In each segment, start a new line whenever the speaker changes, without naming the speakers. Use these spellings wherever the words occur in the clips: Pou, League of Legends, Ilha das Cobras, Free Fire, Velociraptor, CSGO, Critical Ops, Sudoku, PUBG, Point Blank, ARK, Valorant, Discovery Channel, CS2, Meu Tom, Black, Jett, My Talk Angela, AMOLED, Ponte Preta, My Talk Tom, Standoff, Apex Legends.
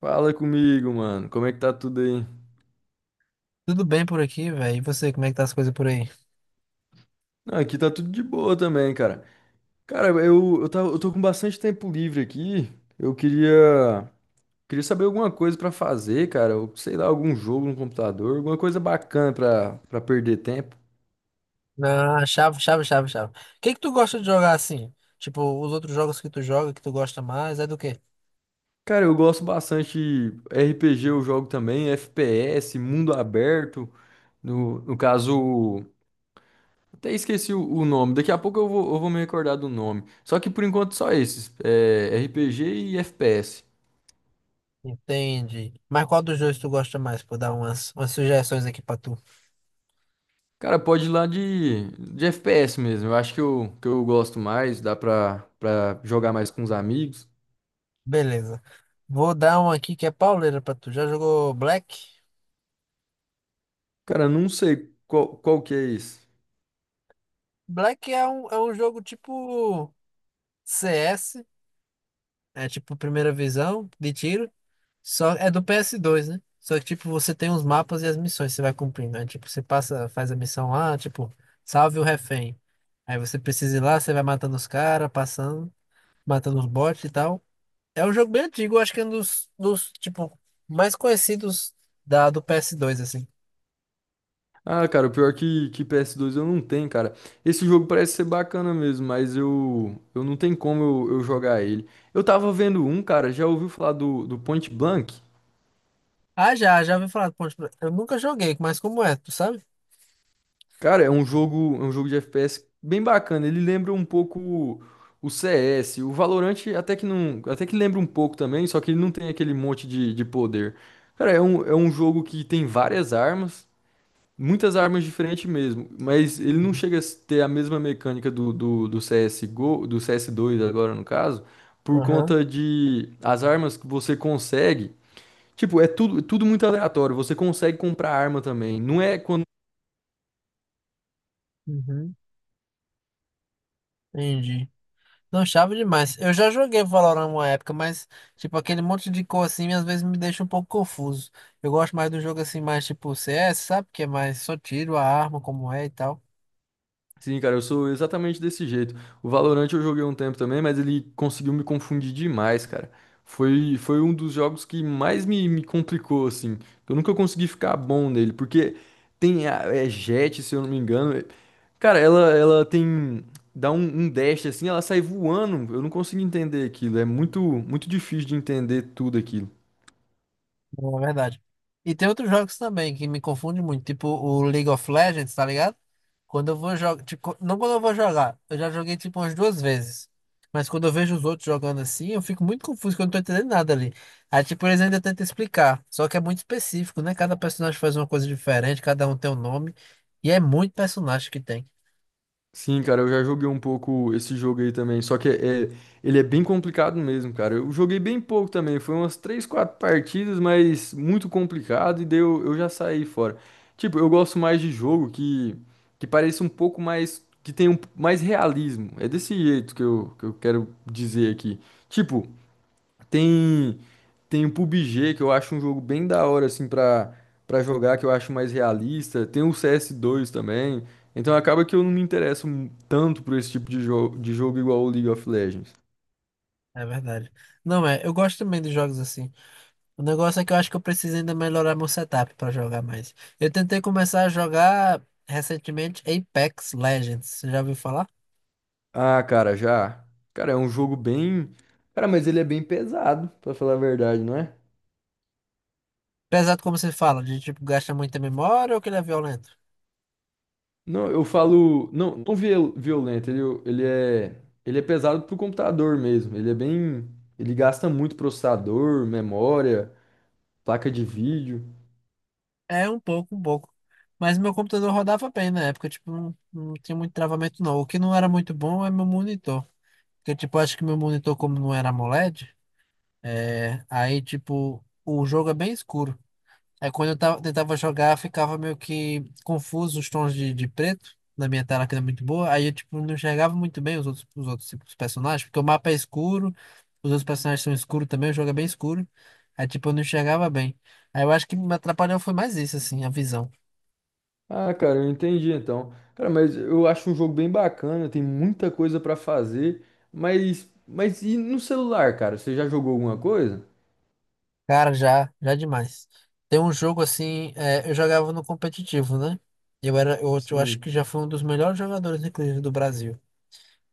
Fala comigo, mano. Como é que tá tudo aí?
Tudo bem por aqui, velho? E você, como é que tá as coisas por aí?
Não, aqui tá tudo de boa também, cara. Cara, eu tô com bastante tempo livre aqui. Eu queria, Queria saber alguma coisa pra fazer, cara. Ou, sei lá, algum jogo no computador, alguma coisa bacana pra perder tempo.
Ah, chave, chave, chave, chave. O que que tu gosta de jogar assim? Tipo, os outros jogos que tu joga, que tu gosta mais, é do quê?
Cara, eu gosto bastante de RPG, eu jogo também, FPS, mundo aberto. No caso, até esqueci o nome. Daqui a pouco eu vou me recordar do nome. Só que por enquanto só esses, é, RPG e FPS.
Entende. Mas qual dos dois tu gosta mais? Vou dar umas sugestões aqui pra tu.
Cara, pode ir lá de FPS mesmo. Eu acho que eu gosto mais, dá pra jogar mais com os amigos.
Beleza. Vou dar um aqui que é pauleira pra tu. Já jogou Black?
Cara, não sei qual que é esse.
Black é um jogo tipo CS, é tipo primeira visão de tiro. Só é do PS2, né? Só que, tipo, você tem os mapas e as missões que você vai cumprindo. Né? Tipo, você passa, faz a missão lá, tipo, salve o refém. Aí você precisa ir lá, você vai matando os caras, passando, matando os bots e tal. É um jogo bem antigo, eu acho que é um dos tipo, mais conhecidos da, do PS2 assim.
Ah, cara, o pior que PS2 eu não tenho, cara. Esse jogo parece ser bacana mesmo, mas eu não tenho como eu jogar ele. Eu tava vendo um, cara, já ouviu falar do Point Blank?
Ah, já ouvi falar do Ponte Preta. Eu nunca joguei, mas como é, tu sabe?
Cara, é um jogo de FPS bem bacana. Ele lembra um pouco o CS, o Valorant até que não, até que lembra um pouco também, só que ele não tem aquele monte de poder. Cara, é um jogo que tem várias armas, muitas armas diferentes mesmo, mas ele não chega a
Uhum.
ter a mesma mecânica do CSGO, do CS2 agora no caso, por
Aham,
conta de as armas que você consegue. Tipo, é tudo, tudo muito aleatório. Você consegue comprar arma também. Não é quando.
uhum, entendi. Não, chave demais. Eu já joguei Valorant uma época, mas, tipo, aquele monte de cor assim, às vezes me deixa um pouco confuso. Eu gosto mais do jogo assim, mais tipo CS, sabe? Que é mais só tiro, a arma, como é e tal.
Sim, cara, eu sou exatamente desse jeito. O Valorant eu joguei um tempo também, mas ele conseguiu me confundir demais, cara. Foi um dos jogos que mais me complicou, assim. Eu nunca consegui ficar bom nele, porque tem a, é Jett, se eu não me engano. É. Cara, ela tem. Dá um, um dash assim, ela sai voando. Eu não consigo entender aquilo. É muito, muito difícil de entender tudo aquilo.
Não, é verdade. E tem outros jogos também que me confundem muito, tipo o League of Legends, tá ligado? Quando eu vou jogar, tipo, não quando eu vou jogar, eu já joguei tipo umas duas vezes. Mas quando eu vejo os outros jogando assim, eu fico muito confuso, que eu não tô entendendo nada ali. Aí, tipo, eles ainda tentam explicar, só que é muito específico, né? Cada personagem faz uma coisa diferente, cada um tem um nome, e é muito personagem que tem.
Sim, cara, eu já joguei um pouco esse jogo aí também. Só que é, é ele é bem complicado mesmo, cara. Eu joguei bem pouco também. Foi umas três, quatro partidas, mas muito complicado. E daí eu já saí fora. Tipo, eu gosto mais de jogo que pareça um pouco mais. Que tenha um, mais realismo. É desse jeito que eu quero dizer aqui. Tipo. Tem, Tem o PUBG, que eu acho um jogo bem da hora, assim, para jogar, que eu acho mais realista. Tem o CS2 também. Então acaba que eu não me interesso mu- tanto por esse tipo de jogo igual o League of Legends.
É verdade. Não é, eu gosto também de jogos assim. O negócio é que eu acho que eu preciso ainda melhorar meu setup pra jogar mais. Eu tentei começar a jogar recentemente Apex Legends. Você já ouviu falar?
Ah, cara, já. Cara, é um jogo bem. Cara, mas ele é bem pesado, pra falar a verdade, não é?
Pesado como você fala, de tipo, gasta muita memória ou que ele é violento?
Não, eu falo. Não, não viol- violento, ele é. Ele é pesado pro computador mesmo. Ele é bem. Ele gasta muito processador, memória, placa de vídeo.
É um pouco, um pouco. Mas meu computador rodava bem na época, tipo, não tinha muito travamento não. O que não era muito bom é meu monitor. Porque, tipo, eu acho que meu monitor, como não era AMOLED, é, aí, tipo, o jogo é bem escuro. Aí quando eu tava, tentava jogar, ficava meio que confuso os tons de, preto na minha tela, que era muito boa. Aí eu, tipo, não enxergava muito bem os outros tipo, os personagens, porque o mapa é escuro, os outros personagens são escuros também, o jogo é bem escuro. Aí, tipo, eu não enxergava bem. Aí eu acho que me atrapalhou foi mais isso, assim, a visão.
Ah, cara, eu entendi então. Cara, mas eu acho um jogo bem bacana, tem muita coisa pra fazer, mas e no celular, cara? Você já jogou alguma coisa?
Cara, já demais. Tem um jogo, assim, é, eu jogava no competitivo, né? Eu acho que
Sim.
já fui um dos melhores jogadores, inclusive, do Brasil.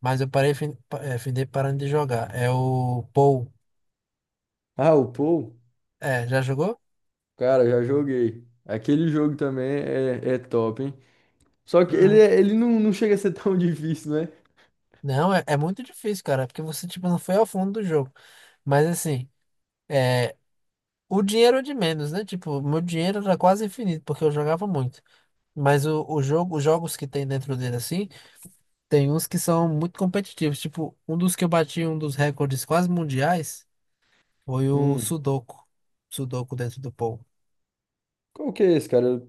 Mas eu parei, findei parando de jogar. É o Pou.
Ah, o Pou?
É, já jogou?
Cara, já joguei. Aquele jogo também é, é top, hein? Só que ele,
Uhum.
é ele não, não chega a ser tão difícil, né?
Não, é muito difícil, cara, porque você, tipo, não foi ao fundo do jogo. Mas, assim, é, o dinheiro é de menos, né? Tipo, meu dinheiro era quase infinito, porque eu jogava muito. Mas o jogo, os jogos que tem dentro dele, assim, tem uns que são muito competitivos. Tipo, um dos que eu bati, um dos recordes quase mundiais, foi o
Hum.
Sudoku. Sudoku dentro do Pou.
Qual que é esse, cara? Eu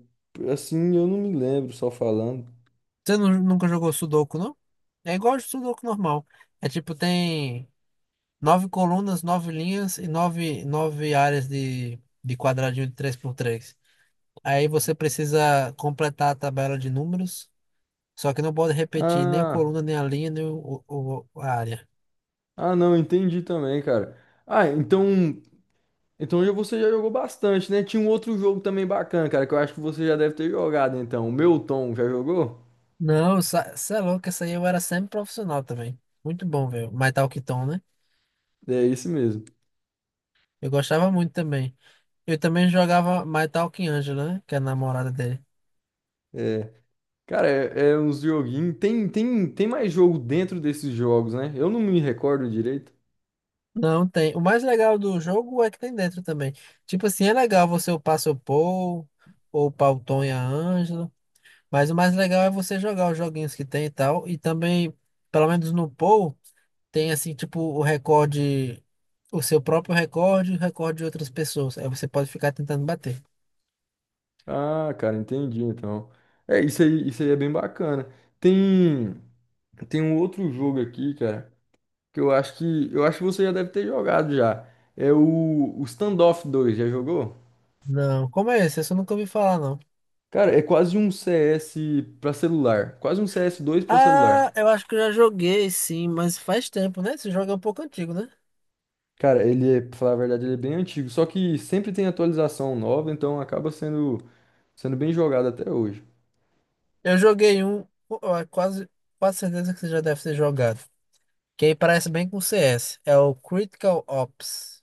assim, eu não me lembro, só falando.
Você nunca jogou Sudoku, não? É igual de Sudoku normal. É tipo, tem nove colunas, nove linhas e nove áreas de quadradinho de três por três. Aí você precisa completar a tabela de números, só que não pode repetir nem a
Ah,
coluna, nem a linha, nem a área.
ah, não, entendi também, cara. Ah, então. Então já você já jogou bastante, né? Tinha um outro jogo também bacana, cara, que eu acho que você já deve ter jogado, então. O Meu Tom, já jogou?
Não, você é louco, essa aí eu era sempre profissional também. Muito bom, velho. My Talk Tom, né?
É isso mesmo.
Eu gostava muito também. Eu também jogava My Talk Angela, né? Que é a namorada dele.
É. Cara, é, é uns joguinhos. Tem mais jogo dentro desses jogos, né? Eu não me recordo direito.
Não tem. O mais legal do jogo é que tem dentro também. Tipo assim, é legal você upar seu Paul, ou upar o Tom e a Ângela, mas o mais legal é você jogar os joguinhos que tem e tal. E também, pelo menos no Paul, tem assim, tipo, o recorde, o seu próprio recorde e o recorde de outras pessoas. Aí você pode ficar tentando bater.
Ah, cara, entendi, então. É, isso aí é bem bacana. Tem, Tem um outro jogo aqui, cara, que eu acho que, eu acho que você já deve ter jogado já. É o Standoff dois, já jogou?
Não, como é esse? Esse eu nunca ouvi falar, não.
Cara, é quase um CS pra celular. Quase um CS2 pra
Ah,
celular.
eu acho que eu já joguei, sim, mas faz tempo, né? Esse jogo é um pouco antigo, né?
Cara, ele é, pra falar a verdade, ele é bem antigo. Só que sempre tem atualização nova, então acaba sendo, sendo bem jogado até hoje.
Eu joguei um, ó, quase, quase certeza que você já deve ter jogado. Que aí parece bem com CS. É o Critical Ops.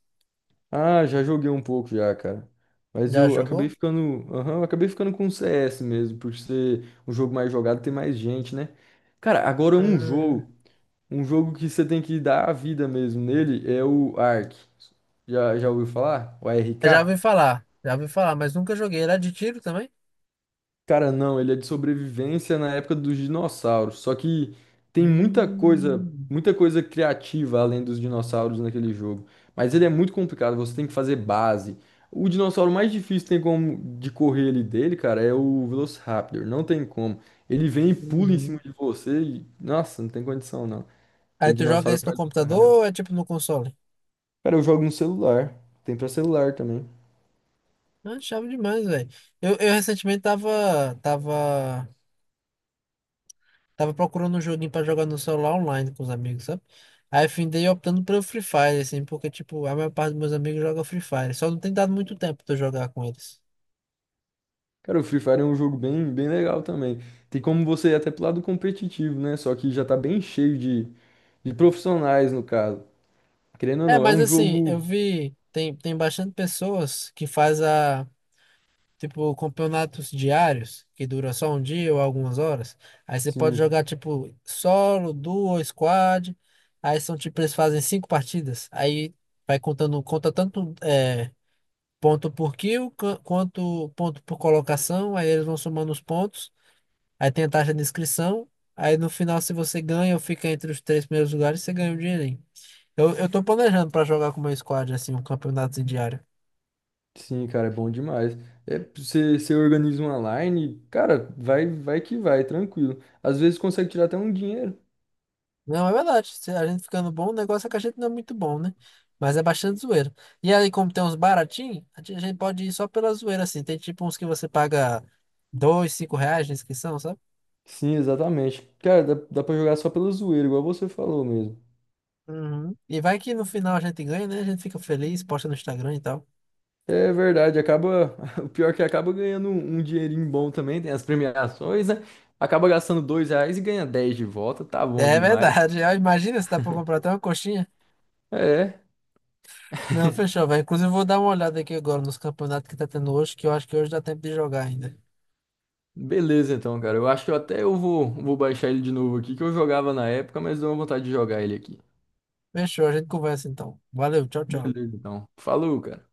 Ah, já joguei um pouco já, cara. Mas
Já
eu acabei
jogou?
ficando. Aham, eu acabei ficando com o CS mesmo, por ser um jogo mais jogado, tem mais gente, né? Cara, agora um
Ah,
jogo. Um jogo que você tem que dar a vida mesmo nele é o Ark. Já ouviu falar? O
eu já
ARK?
ouvi falar. Já ouvi falar, mas nunca joguei. Era de tiro também?
Cara, não, ele é de sobrevivência na época dos dinossauros. Só que tem
Hum,
muita coisa criativa além dos dinossauros naquele jogo. Mas ele é muito complicado, você tem que fazer base. O dinossauro mais difícil tem como de correr ali dele, cara, é o Velociraptor. Não tem como. Ele vem e pula em
uhum.
cima de você e, nossa, não tem condição não.
Aí
Aquele
tu joga
dinossauro
isso no
faz muita
computador
raiva.
ou é tipo no console?
Cara, eu jogo no celular. Tem pra celular também.
Ah, chave demais, velho. Eu recentemente tava procurando um joguinho pra jogar no celular online com os amigos, sabe? Aí findei optando pelo Free Fire, assim, porque, tipo, a maior parte dos meus amigos joga Free Fire. Só não tem dado muito tempo pra eu jogar com eles.
Cara, o Free Fire é um jogo bem, bem legal também. Tem como você ir até pro lado competitivo, né? Só que já tá bem cheio de profissionais, no caso. Querendo ou
É,
não, é
mas
um
assim, eu
jogo.
vi, tem bastante pessoas que faz a, tipo, campeonatos diários, que dura só um dia ou algumas horas. Aí você pode
Sim,
jogar, tipo, solo, duo, squad. Aí são, tipo, eles fazem cinco partidas. Aí vai contando, conta tanto é, ponto por kill, quanto ponto por colocação. Aí eles vão somando os pontos. Aí tem a taxa de inscrição. Aí no final, se você ganha ou fica entre os três primeiros lugares, você ganha o dinheirinho. Eu tô planejando pra jogar com o meu squad, assim, um campeonato em diário.
sim, cara, é bom demais. É, você organiza uma line, cara, vai, vai que vai, tranquilo. Às vezes consegue tirar até um dinheiro.
Não, é verdade. Se a gente ficando bom, o negócio é que a gente não é muito bom, né? Mas é bastante zoeira. E aí, como tem uns baratinhos, a gente pode ir só pela zoeira, assim. Tem tipo uns que você paga dois, R$ 5 de inscrição, sabe?
Sim, exatamente. Cara, dá pra jogar só pela zoeira, igual você falou mesmo.
Uhum. E vai que no final a gente ganha, né? A gente fica feliz, posta no Instagram e tal.
É verdade, acaba. O pior é que acaba ganhando um, um dinheirinho bom também, tem as premiações, né? Acaba gastando R$ 2 e ganha 10 de volta, tá bom
É
demais.
verdade. Ó, imagina se dá pra comprar até uma coxinha.
É,
Não, fechou, velho. Inclusive, eu vou dar uma olhada aqui agora nos campeonatos que tá tendo hoje, que eu acho que hoje dá tempo de jogar ainda.
beleza então, cara. Eu acho que eu até vou baixar ele de novo aqui, que eu jogava na época, mas deu uma vontade de jogar ele aqui.
Fechou, a gente conversa então. Valeu, tchau, tchau.
Beleza, então. Falou, cara.